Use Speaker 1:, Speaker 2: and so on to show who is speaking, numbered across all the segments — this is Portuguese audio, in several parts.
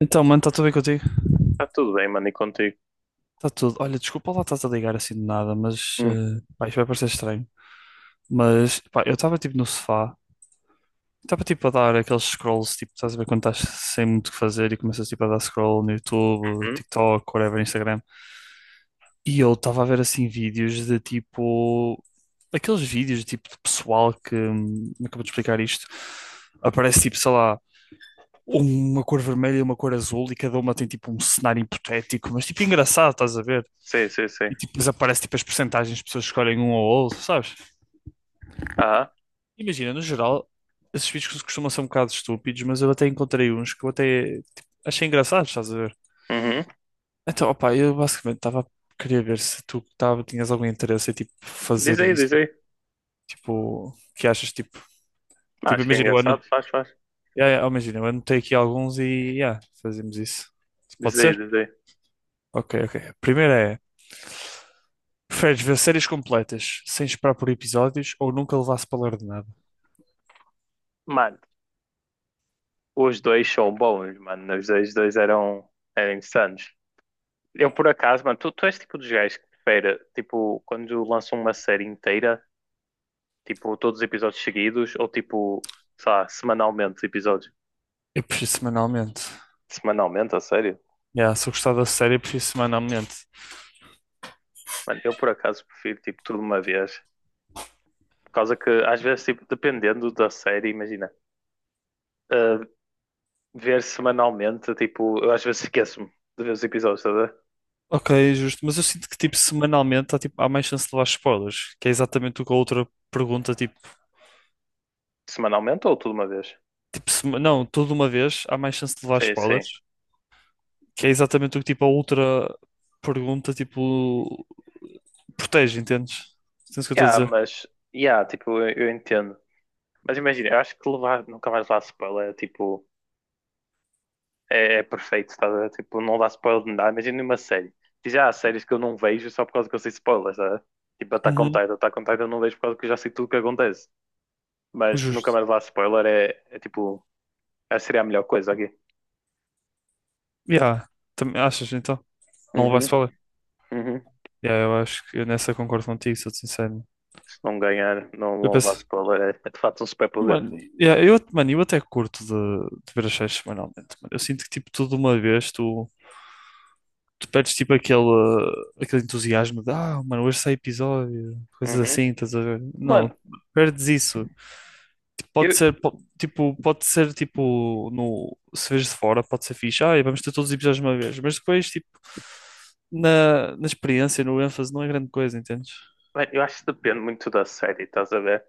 Speaker 1: Então, mano, está tudo bem contigo?
Speaker 2: Está tudo bem, mano, e contigo?
Speaker 1: Está tudo. Olha, desculpa lá estás a ligar assim de nada, mas
Speaker 2: Hum.
Speaker 1: pá, isto vai parecer estranho. Mas pá, eu estava tipo no sofá, estava tipo a dar aqueles scrolls, tipo, estás a ver quando estás sem muito o que fazer e começas tipo a dar scroll no YouTube,
Speaker 2: Uhum.
Speaker 1: TikTok, whatever, Instagram. E eu estava a ver assim vídeos de tipo aqueles vídeos tipo de pessoal que me acabou de explicar isto. Aparece tipo, sei lá, uma cor vermelha e uma cor azul e cada uma tem tipo um cenário hipotético, mas tipo engraçado, estás a ver?
Speaker 2: Sim, sim, sim.
Speaker 1: E tipo, depois aparece tipo as percentagens de pessoas que escolhem um ou outro, sabes?
Speaker 2: Aham.
Speaker 1: Imagina, no geral, esses vídeos costumam ser um bocado estúpidos, mas eu até encontrei uns que eu até tipo, achei engraçados, estás a ver?
Speaker 2: Uhum.
Speaker 1: Então, opá, eu basicamente estava queria ver se tu tava, tinhas algum interesse em tipo
Speaker 2: Diz
Speaker 1: fazer
Speaker 2: aí, diz
Speaker 1: isto,
Speaker 2: aí.
Speaker 1: tipo, que achas tipo,
Speaker 2: Ah,
Speaker 1: tipo,
Speaker 2: acho que é
Speaker 1: imagina, eu
Speaker 2: engraçado,
Speaker 1: anotei,
Speaker 2: faz, faz.
Speaker 1: yeah, yeah, imagina, eu anotei aqui alguns e yeah, fazemos isso.
Speaker 2: Diz
Speaker 1: Pode
Speaker 2: aí,
Speaker 1: ser?
Speaker 2: diz aí.
Speaker 1: Ok, ok. A primeira é preferes ver séries completas sem esperar por episódios ou nunca levar spoiler de nada?
Speaker 2: Mano, os dois são bons, mano. Os dois eram insanos. Eu, por acaso, mano, tu és tipo dos gajos que prefere, tipo, quando lançam uma série inteira, tipo, todos os episódios seguidos, ou tipo, sei lá, semanalmente os episódios.
Speaker 1: Eu prefiro semanalmente.
Speaker 2: Semanalmente, a sério?
Speaker 1: Yeah, se eu gostar da série, eu prefiro semanalmente.
Speaker 2: Mano, eu, por acaso, prefiro, tipo, tudo de uma vez. Por causa que, às vezes, tipo, dependendo da série, imagina. ah, ver semanalmente, tipo, eu às vezes esqueço-me de ver os episódios, estás a ver?
Speaker 1: Ok, justo. Mas eu sinto que, tipo, semanalmente há, tipo, há mais chance de levar spoilers. Que é exatamente o que a outra pergunta, tipo...
Speaker 2: Semanalmente ou tudo uma vez?
Speaker 1: Não, toda uma vez há mais chance de levar
Speaker 2: Sim,
Speaker 1: spoilers.
Speaker 2: sim.
Speaker 1: Que é exatamente o que, tipo, a outra pergunta, tipo... Protege, entendes? Entendes o que eu estou
Speaker 2: Yeah,
Speaker 1: a dizer?
Speaker 2: mas, yeah, tipo, eu entendo. Mas imagina, eu acho que levar, nunca mais levar spoiler é tipo, é perfeito, estás a ver? Tipo, não dá spoiler de nada. Imagina uma série. Diz, há séries que eu não vejo só por causa que eu sei spoilers, estás a ver? Tipo, Attack on Titan eu não vejo por causa que eu já sei tudo o que acontece. Mas nunca
Speaker 1: Justo.
Speaker 2: mais levar spoiler é tipo, essa seria a melhor coisa aqui.
Speaker 1: Yeah. Também achas então? Não levaste
Speaker 2: Uhum,
Speaker 1: para ler?
Speaker 2: uhum.
Speaker 1: Yeah, eu acho que eu nessa concordo contigo, sou-te sincero.
Speaker 2: Se não ganhar, não,
Speaker 1: Eu
Speaker 2: não usar
Speaker 1: penso,
Speaker 2: spoiler, é de facto um superpoder.
Speaker 1: mano, yeah, eu, mano, eu até curto de ver as séries semanalmente. Mano. Eu sinto que tipo tudo de uma vez tu, tu perdes tipo aquele, aquele entusiasmo de ah, mano, hoje sai episódio, coisas
Speaker 2: Uhum.
Speaker 1: assim, estás a ver? Não,
Speaker 2: Mano,
Speaker 1: perdes isso. Tipo, pode
Speaker 2: eu,
Speaker 1: ser, tipo, pode ser tipo, no, se vês de fora, pode ser fixe. Ah, vamos ter todos os episódios de uma vez. Mas depois, tipo, na experiência, no ênfase, não é grande coisa, entendes?
Speaker 2: mano, eu acho que depende muito da série, estás a ver?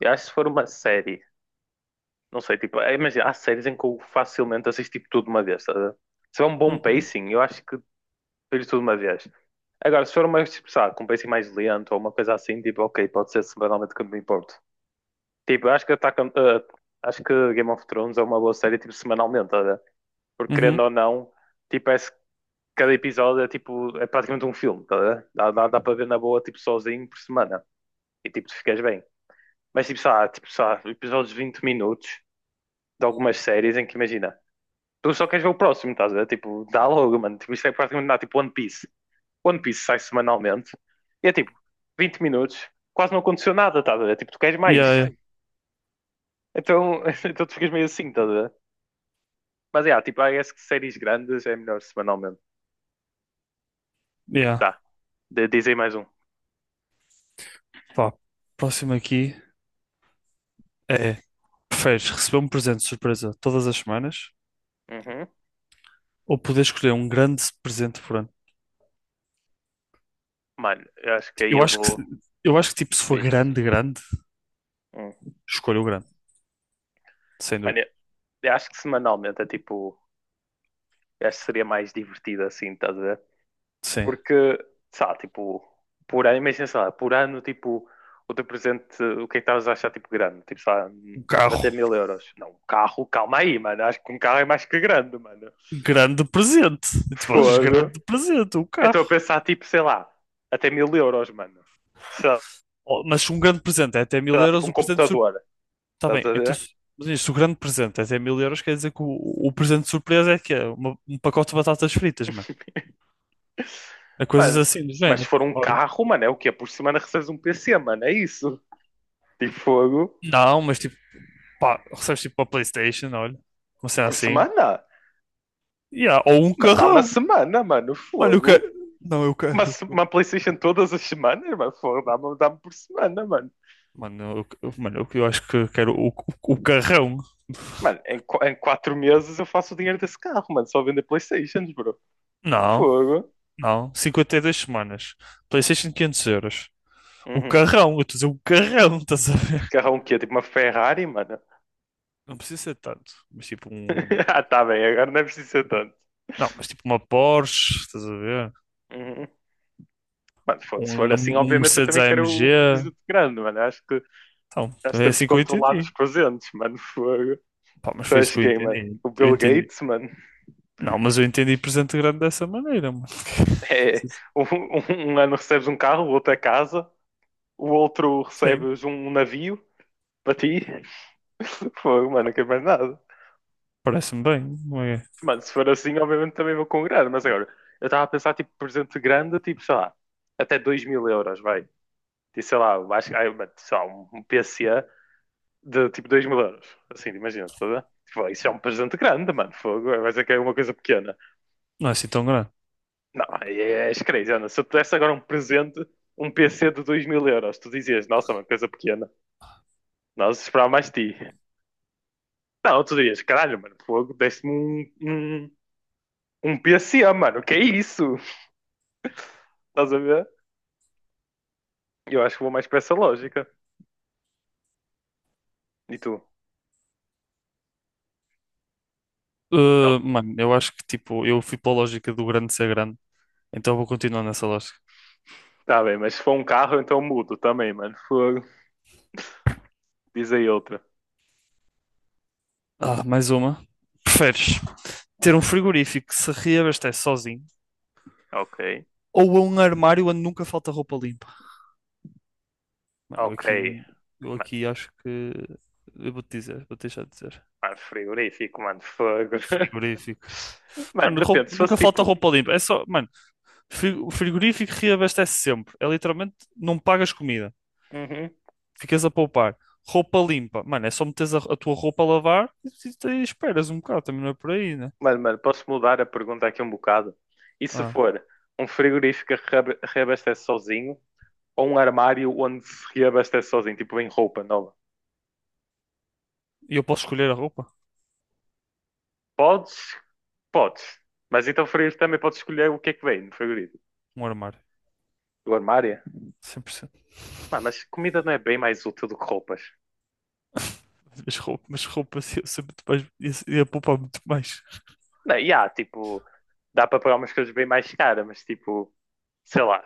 Speaker 2: Eu acho que se for uma série, não sei, tipo, é, imagina, há séries em que eu facilmente assisto tipo, tudo de uma vez, estás a ver? Se for um bom
Speaker 1: Uhum.
Speaker 2: pacing, eu acho que vejo tudo de uma vez. Agora, se for uma, tipo, sabe, com um pacing mais lento ou uma coisa assim, tipo, ok, pode ser semanalmente que eu me importo. Tipo, eu acho que Game of Thrones é uma boa série, tipo, semanalmente, estás a ver? Porque
Speaker 1: Uhum.
Speaker 2: querendo ou não, tipo, é, cada episódio é tipo, é praticamente um filme, tá a ver? Dá para ver na boa, tipo, sozinho por semana, e tipo, tu ficas bem. Mas tipo, sabe, episódios de 20 minutos de algumas séries em que imagina, tu só queres ver o próximo, estás a ver? Tipo, dá logo, mano, tipo, isto é praticamente nada, tipo One Piece. One Piece sai semanalmente, e é tipo, 20 minutos, quase não aconteceu nada, estás a ver? Tipo, tu queres
Speaker 1: Yeah,
Speaker 2: mais.
Speaker 1: yeah.
Speaker 2: Então, então tu ficas meio assim, estás a ver? Mas é, tipo, I guess que séries grandes é melhor semanalmente.
Speaker 1: Yeah.
Speaker 2: Tá, de dizem mais um.
Speaker 1: Pá, próximo aqui é: preferes receber um presente de surpresa todas as semanas
Speaker 2: Uhum.
Speaker 1: ou poder escolher um grande presente por ano?
Speaker 2: Mano, eu acho que
Speaker 1: Tipo,
Speaker 2: aí eu vou.
Speaker 1: eu acho que tipo, se for
Speaker 2: Beijos.
Speaker 1: grande, grande,
Speaker 2: Hum.
Speaker 1: escolho o grande, sem
Speaker 2: Mano,
Speaker 1: dúvida.
Speaker 2: eu acho que semanalmente é tipo. Eu acho que seria mais divertido assim, estás a ver?
Speaker 1: Sim,
Speaker 2: Porque, sabe, tipo, por ano, imagina, sei lá, por ano, tipo, o teu presente, o que é que estavas a achar, tipo, grande? Tipo, sei lá,
Speaker 1: um
Speaker 2: tipo, até
Speaker 1: carro,
Speaker 2: 1000 euros. Não, um carro, calma aí, mano. Acho que um carro é mais que grande, mano.
Speaker 1: grande presente. Tipo,
Speaker 2: Fogo.
Speaker 1: grande presente, um
Speaker 2: Eu estou a
Speaker 1: carro.
Speaker 2: pensar, tipo, sei lá, até 1000 euros, mano. Sei lá,
Speaker 1: Oh, mas se um grande presente é até
Speaker 2: sei
Speaker 1: mil
Speaker 2: lá, tipo,
Speaker 1: euros,
Speaker 2: um
Speaker 1: o presente surpresa.
Speaker 2: computador,
Speaker 1: Está
Speaker 2: estás
Speaker 1: bem,
Speaker 2: a
Speaker 1: então
Speaker 2: ver?
Speaker 1: se mas se o grande presente é até mil euros, quer dizer que o presente surpresa é que é uma- um pacote de batatas fritas, mano. É coisas
Speaker 2: Mano,
Speaker 1: assim do
Speaker 2: mas se
Speaker 1: género.
Speaker 2: for um
Speaker 1: Olha,
Speaker 2: carro, mano, é o quê? Por semana recebes um PC, mano, é isso. Tipo, fogo.
Speaker 1: não, mas tipo, pá, recebes tipo uma PlayStation, olha, uma cena
Speaker 2: Por
Speaker 1: assim.
Speaker 2: semana?
Speaker 1: Yeah, ou um
Speaker 2: Mano, dá uma
Speaker 1: carrão.
Speaker 2: semana, mano,
Speaker 1: Mano, eu
Speaker 2: fogo.
Speaker 1: quero. Não, eu quero.
Speaker 2: Uma, se- uma PlayStation todas as semanas, mano, fogo, dá-me por semana, mano.
Speaker 1: Mano, eu, mano, eu acho que eu quero o carrão.
Speaker 2: Mano, em 4 meses eu faço o dinheiro desse carro, mano, só vender PlayStations, bro.
Speaker 1: Não,
Speaker 2: Fogo.
Speaker 1: não. 52 semanas. PlayStation 500€. O
Speaker 2: Uhum.
Speaker 1: carrão, eu estou a dizer o carrão, estás a ver?
Speaker 2: Carrão o quê? Tipo uma Ferrari, mano?
Speaker 1: Não precisa ser tanto, mas tipo um.
Speaker 2: Ah, tá bem, agora não é preciso ser tanto.
Speaker 1: Não, mas tipo uma Porsche, estás a ver?
Speaker 2: Uhum. Mano, fogo, se for
Speaker 1: Um,
Speaker 2: assim,
Speaker 1: um
Speaker 2: obviamente eu
Speaker 1: Mercedes
Speaker 2: também
Speaker 1: AMG.
Speaker 2: quero o presente grande, mano. Acho que
Speaker 1: Então,
Speaker 2: Já
Speaker 1: é
Speaker 2: estamos
Speaker 1: assim que eu
Speaker 2: controlados
Speaker 1: entendi.
Speaker 2: com os entes, mano. Fogo.
Speaker 1: Pá, mas
Speaker 2: Tu
Speaker 1: foi isso
Speaker 2: és
Speaker 1: que eu
Speaker 2: quem, mano?
Speaker 1: entendi.
Speaker 2: O
Speaker 1: Eu
Speaker 2: Bill
Speaker 1: entendi.
Speaker 2: Gates, mano.
Speaker 1: Não, mas eu entendi presente grande dessa maneira, mano.
Speaker 2: É, um, um um ano recebes um carro, o outro é casa, o outro
Speaker 1: Sim,
Speaker 2: recebes um navio para ti. Fogo, mano, não quero mais nada.
Speaker 1: parece-me bem. Não é,
Speaker 2: Mano, se for assim, obviamente também vou com mas agora, eu estava a pensar, tipo, presente grande, tipo, sei lá, até 2 mil euros, vai. E sei lá, acho que, ai, mano, sei lá, um PCA de tipo 2 mil euros. Assim, imagina, toda. Tipo, isso é um presente grande, mano, fogo, vai ser que é uma coisa pequena.
Speaker 1: não é assim tão grande.
Speaker 2: Não, é, és crazy. Se eu te desse agora um presente, um PC de 2 mil euros, tu dizias, nossa, uma coisa pequena. Nós esperávamos mais de ti. Não, tu dirias, caralho, mano, fogo, deste-me um PSA, mano, que é isso? Estás a ver? Eu acho que vou mais para essa lógica. E tu? Não.
Speaker 1: Mano, eu acho que tipo, eu fui para a lógica do grande ser grande, então vou continuar nessa lógica.
Speaker 2: Tá bem, mas se for um carro, então mudo também, mano, fogo. Diz aí outra.
Speaker 1: Ah, mais uma. Preferes ter um frigorífico que se reabastece sozinho
Speaker 2: Ok,
Speaker 1: ou um armário onde nunca falta roupa limpa? Mano,
Speaker 2: ok.
Speaker 1: eu
Speaker 2: Mano,
Speaker 1: aqui acho que. Eu vou-te dizer, vou deixar de dizer.
Speaker 2: mano, frigorífico, mano, fogo.
Speaker 1: Frigorífico.
Speaker 2: Mano,
Speaker 1: Mano,
Speaker 2: depende, se fosse
Speaker 1: nunca falta
Speaker 2: tipo.
Speaker 1: roupa limpa. É só, mano, o frigorífico reabastece sempre. É literalmente, não pagas comida.
Speaker 2: Uhum.
Speaker 1: Ficas a poupar. Roupa limpa. Mano, é só meteres a tua roupa a lavar e, e esperas um bocado. Também não é por aí, né?
Speaker 2: Mano, posso mudar a pergunta aqui um bocado? E se
Speaker 1: Ah,
Speaker 2: for um frigorífico que reabastece sozinho ou um armário onde se reabastece sozinho, tipo vem roupa nova?
Speaker 1: e eu posso escolher a roupa?
Speaker 2: Podes? Podes. Mas então o frigorífico também pode escolher o que é que vem no frigorífico.
Speaker 1: Um armário.
Speaker 2: O armário?
Speaker 1: 100%.
Speaker 2: Mano, mas comida não é bem mais útil do que roupas.
Speaker 1: Mas roupa assim, eu sei muito mais, ia, ia poupar muito mais.
Speaker 2: Não, e há, tipo, dá para pagar umas coisas bem mais caras, mas tipo, sei lá,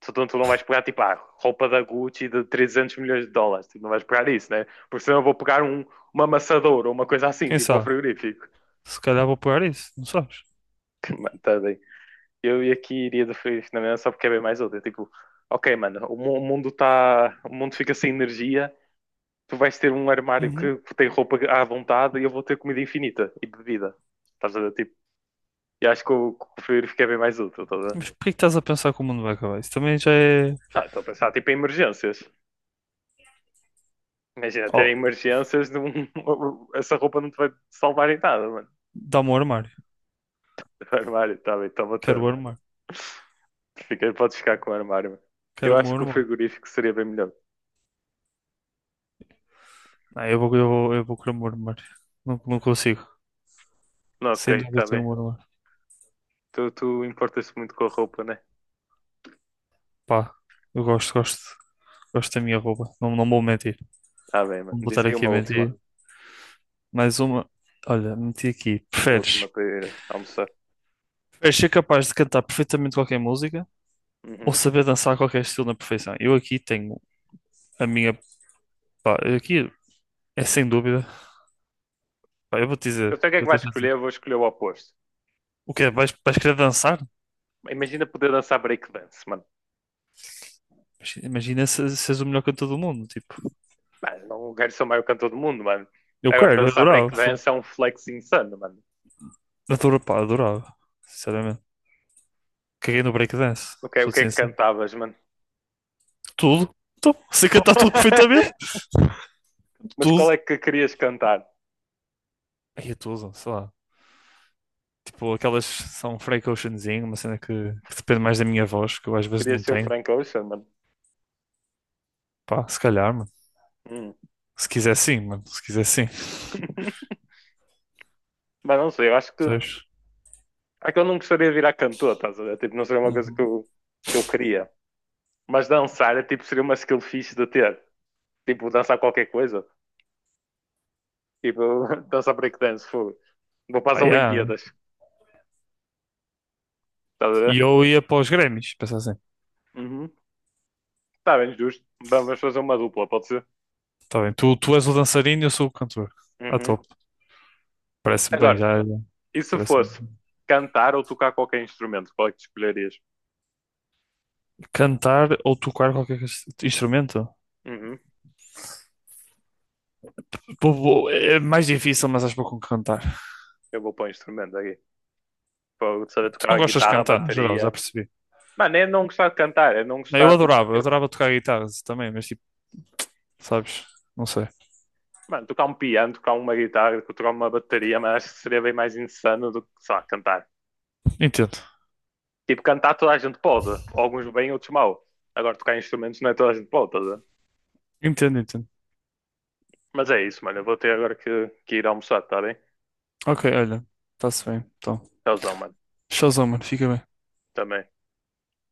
Speaker 2: tu não vais pegar tipo, roupa da Gucci de 300 milhões de dólares, tipo, não vais pegar isso, né? Porque senão eu vou pegar uma amassadora ou uma coisa assim,
Speaker 1: Quem
Speaker 2: tipo, ao
Speaker 1: sabe?
Speaker 2: frigorífico.
Speaker 1: Se calhar vou pagar isso, não sabes?
Speaker 2: Mano, tá bem. Eu e aqui iria do frigorífico na mesma só porque é bem mais útil, tipo, ok, mano, o mundo tá, o mundo fica sem energia, tu vais ter um armário que tem roupa à vontade e eu vou ter comida infinita e bebida, estás a ver? Tipo, e acho que que o frigorífico é bem mais útil, estás
Speaker 1: Mas porquê que estás a pensar que o mundo vai acabar? Isso também já é.
Speaker 2: Ah, estou a pensar tipo em emergências. Imagina ter
Speaker 1: Oh,
Speaker 2: emergências, essa roupa não te vai salvar em nada, mano.
Speaker 1: dá-me o armário.
Speaker 2: O armário, está bem, toma o teu
Speaker 1: Quero o
Speaker 2: armário.
Speaker 1: armário.
Speaker 2: Fica, podes ficar com o armário, mano.
Speaker 1: Quero
Speaker 2: Eu
Speaker 1: o meu
Speaker 2: acho que o
Speaker 1: armário.
Speaker 2: frigorífico seria bem melhor.
Speaker 1: Não, eu vou querer o meu armário. Não, não consigo.
Speaker 2: Não,
Speaker 1: Sem
Speaker 2: ok,
Speaker 1: dúvida eu
Speaker 2: está
Speaker 1: tenho
Speaker 2: bem.
Speaker 1: o meu armário.
Speaker 2: Tu importas-te muito com a roupa, né?
Speaker 1: Pá, eu gosto, gosto. Gosto da minha roupa. Não, não vou mentir.
Speaker 2: Está bem, mano.
Speaker 1: Não vou
Speaker 2: Diz
Speaker 1: estar
Speaker 2: aí
Speaker 1: aqui a
Speaker 2: uma última.
Speaker 1: mentir. Mais uma. Olha, meti aqui.
Speaker 2: A
Speaker 1: Preferes?
Speaker 2: última para ir almoçar.
Speaker 1: Preferes ser capaz de cantar perfeitamente qualquer música ou
Speaker 2: Uhum.
Speaker 1: saber dançar qualquer estilo na perfeição? Eu aqui tenho a minha. Pá, aqui é sem dúvida. Pá, eu vou te
Speaker 2: Eu
Speaker 1: dizer.
Speaker 2: sei o que é
Speaker 1: Vou
Speaker 2: que
Speaker 1: te
Speaker 2: vais escolher,
Speaker 1: dizer.
Speaker 2: eu vou escolher o oposto.
Speaker 1: O quê? Vais, vais querer dançar?
Speaker 2: Imagina poder dançar breakdance, mano.
Speaker 1: Imagina se és o melhor cantor do mundo, tipo.
Speaker 2: Mano, não quero ser o maior cantor do mundo, mano.
Speaker 1: Eu
Speaker 2: Agora
Speaker 1: quero, eu
Speaker 2: dançar
Speaker 1: adorava.
Speaker 2: breakdance é um flex insano, mano.
Speaker 1: Adorava, pá, adorava. Sinceramente. Caguei no breakdance,
Speaker 2: O que, é- o
Speaker 1: sou de
Speaker 2: que é que
Speaker 1: ciência.
Speaker 2: cantavas, mano?
Speaker 1: Tudo. Tudo. Sei cantar tudo perfeitamente.
Speaker 2: Mas qual
Speaker 1: Tudo.
Speaker 2: é que querias cantar?
Speaker 1: Aí é tudo, sei lá. Tipo, aquelas são free cautionzinho, uma cena que depende mais da minha voz, que eu às vezes
Speaker 2: Querias
Speaker 1: não
Speaker 2: ser o
Speaker 1: tenho.
Speaker 2: Frank Ocean, mano?
Speaker 1: Pá, se calhar, mano.
Speaker 2: Hum.
Speaker 1: Se quiser sim, mano. Se quiser sim.
Speaker 2: Mas não sei, eu acho que.
Speaker 1: Sabes?
Speaker 2: É que eu não gostaria de virar cantor, estás a ver? Tipo, não seria uma coisa que
Speaker 1: Uhum.
Speaker 2: eu, que eu queria. Mas dançar, é, tipo, seria uma skill fixe de ter. Tipo, dançar qualquer coisa. Tipo, dançar breakdance, fogo. Vou para as
Speaker 1: Ah, yeah.
Speaker 2: Olimpíadas, estás a
Speaker 1: E
Speaker 2: ver?
Speaker 1: eu ia para os Grammys, pensar assim.
Speaker 2: Uhum. Está bem, justo. Vamos fazer uma dupla, pode ser?
Speaker 1: Tá bem, tu és o dançarino e eu sou o cantor. Ah,
Speaker 2: Uhum.
Speaker 1: top. Parece-me bem,
Speaker 2: Agora,
Speaker 1: já.
Speaker 2: e se
Speaker 1: Parece-me.
Speaker 2: fosse cantar ou tocar qualquer instrumento, qual é que tu escolherias?
Speaker 1: Cantar ou tocar qualquer instrumento?
Speaker 2: Uhum.
Speaker 1: É mais difícil, mas acho pouco com cantar.
Speaker 2: Eu vou pôr um instrumento aqui. Vou saber
Speaker 1: Tu não
Speaker 2: tocar
Speaker 1: gostas de
Speaker 2: guitarra,
Speaker 1: cantar, no geral, já
Speaker 2: bateria.
Speaker 1: percebi.
Speaker 2: Mano, é não gostar de cantar, é não
Speaker 1: Não,
Speaker 2: gostar, tipo,
Speaker 1: eu adorava tocar guitarra também, mas tipo, sabes? Não sei.
Speaker 2: mano, tocar um piano, tocar uma guitarra, tipo, tocar uma bateria, mas acho que seria bem mais insano do que, sei lá, cantar.
Speaker 1: Entendo.
Speaker 2: Tipo, cantar toda a gente pode, alguns bem, outros mal. Agora, tocar instrumentos não é toda a gente pode, tá a ver?
Speaker 1: Entendo.
Speaker 2: Mas é isso, mano, eu vou ter agora que ir almoçar, tá bem?
Speaker 1: Ok, olha, está-se bem. Então,
Speaker 2: Tchauzão, mano,
Speaker 1: showzão, mano, fica bem.
Speaker 2: também.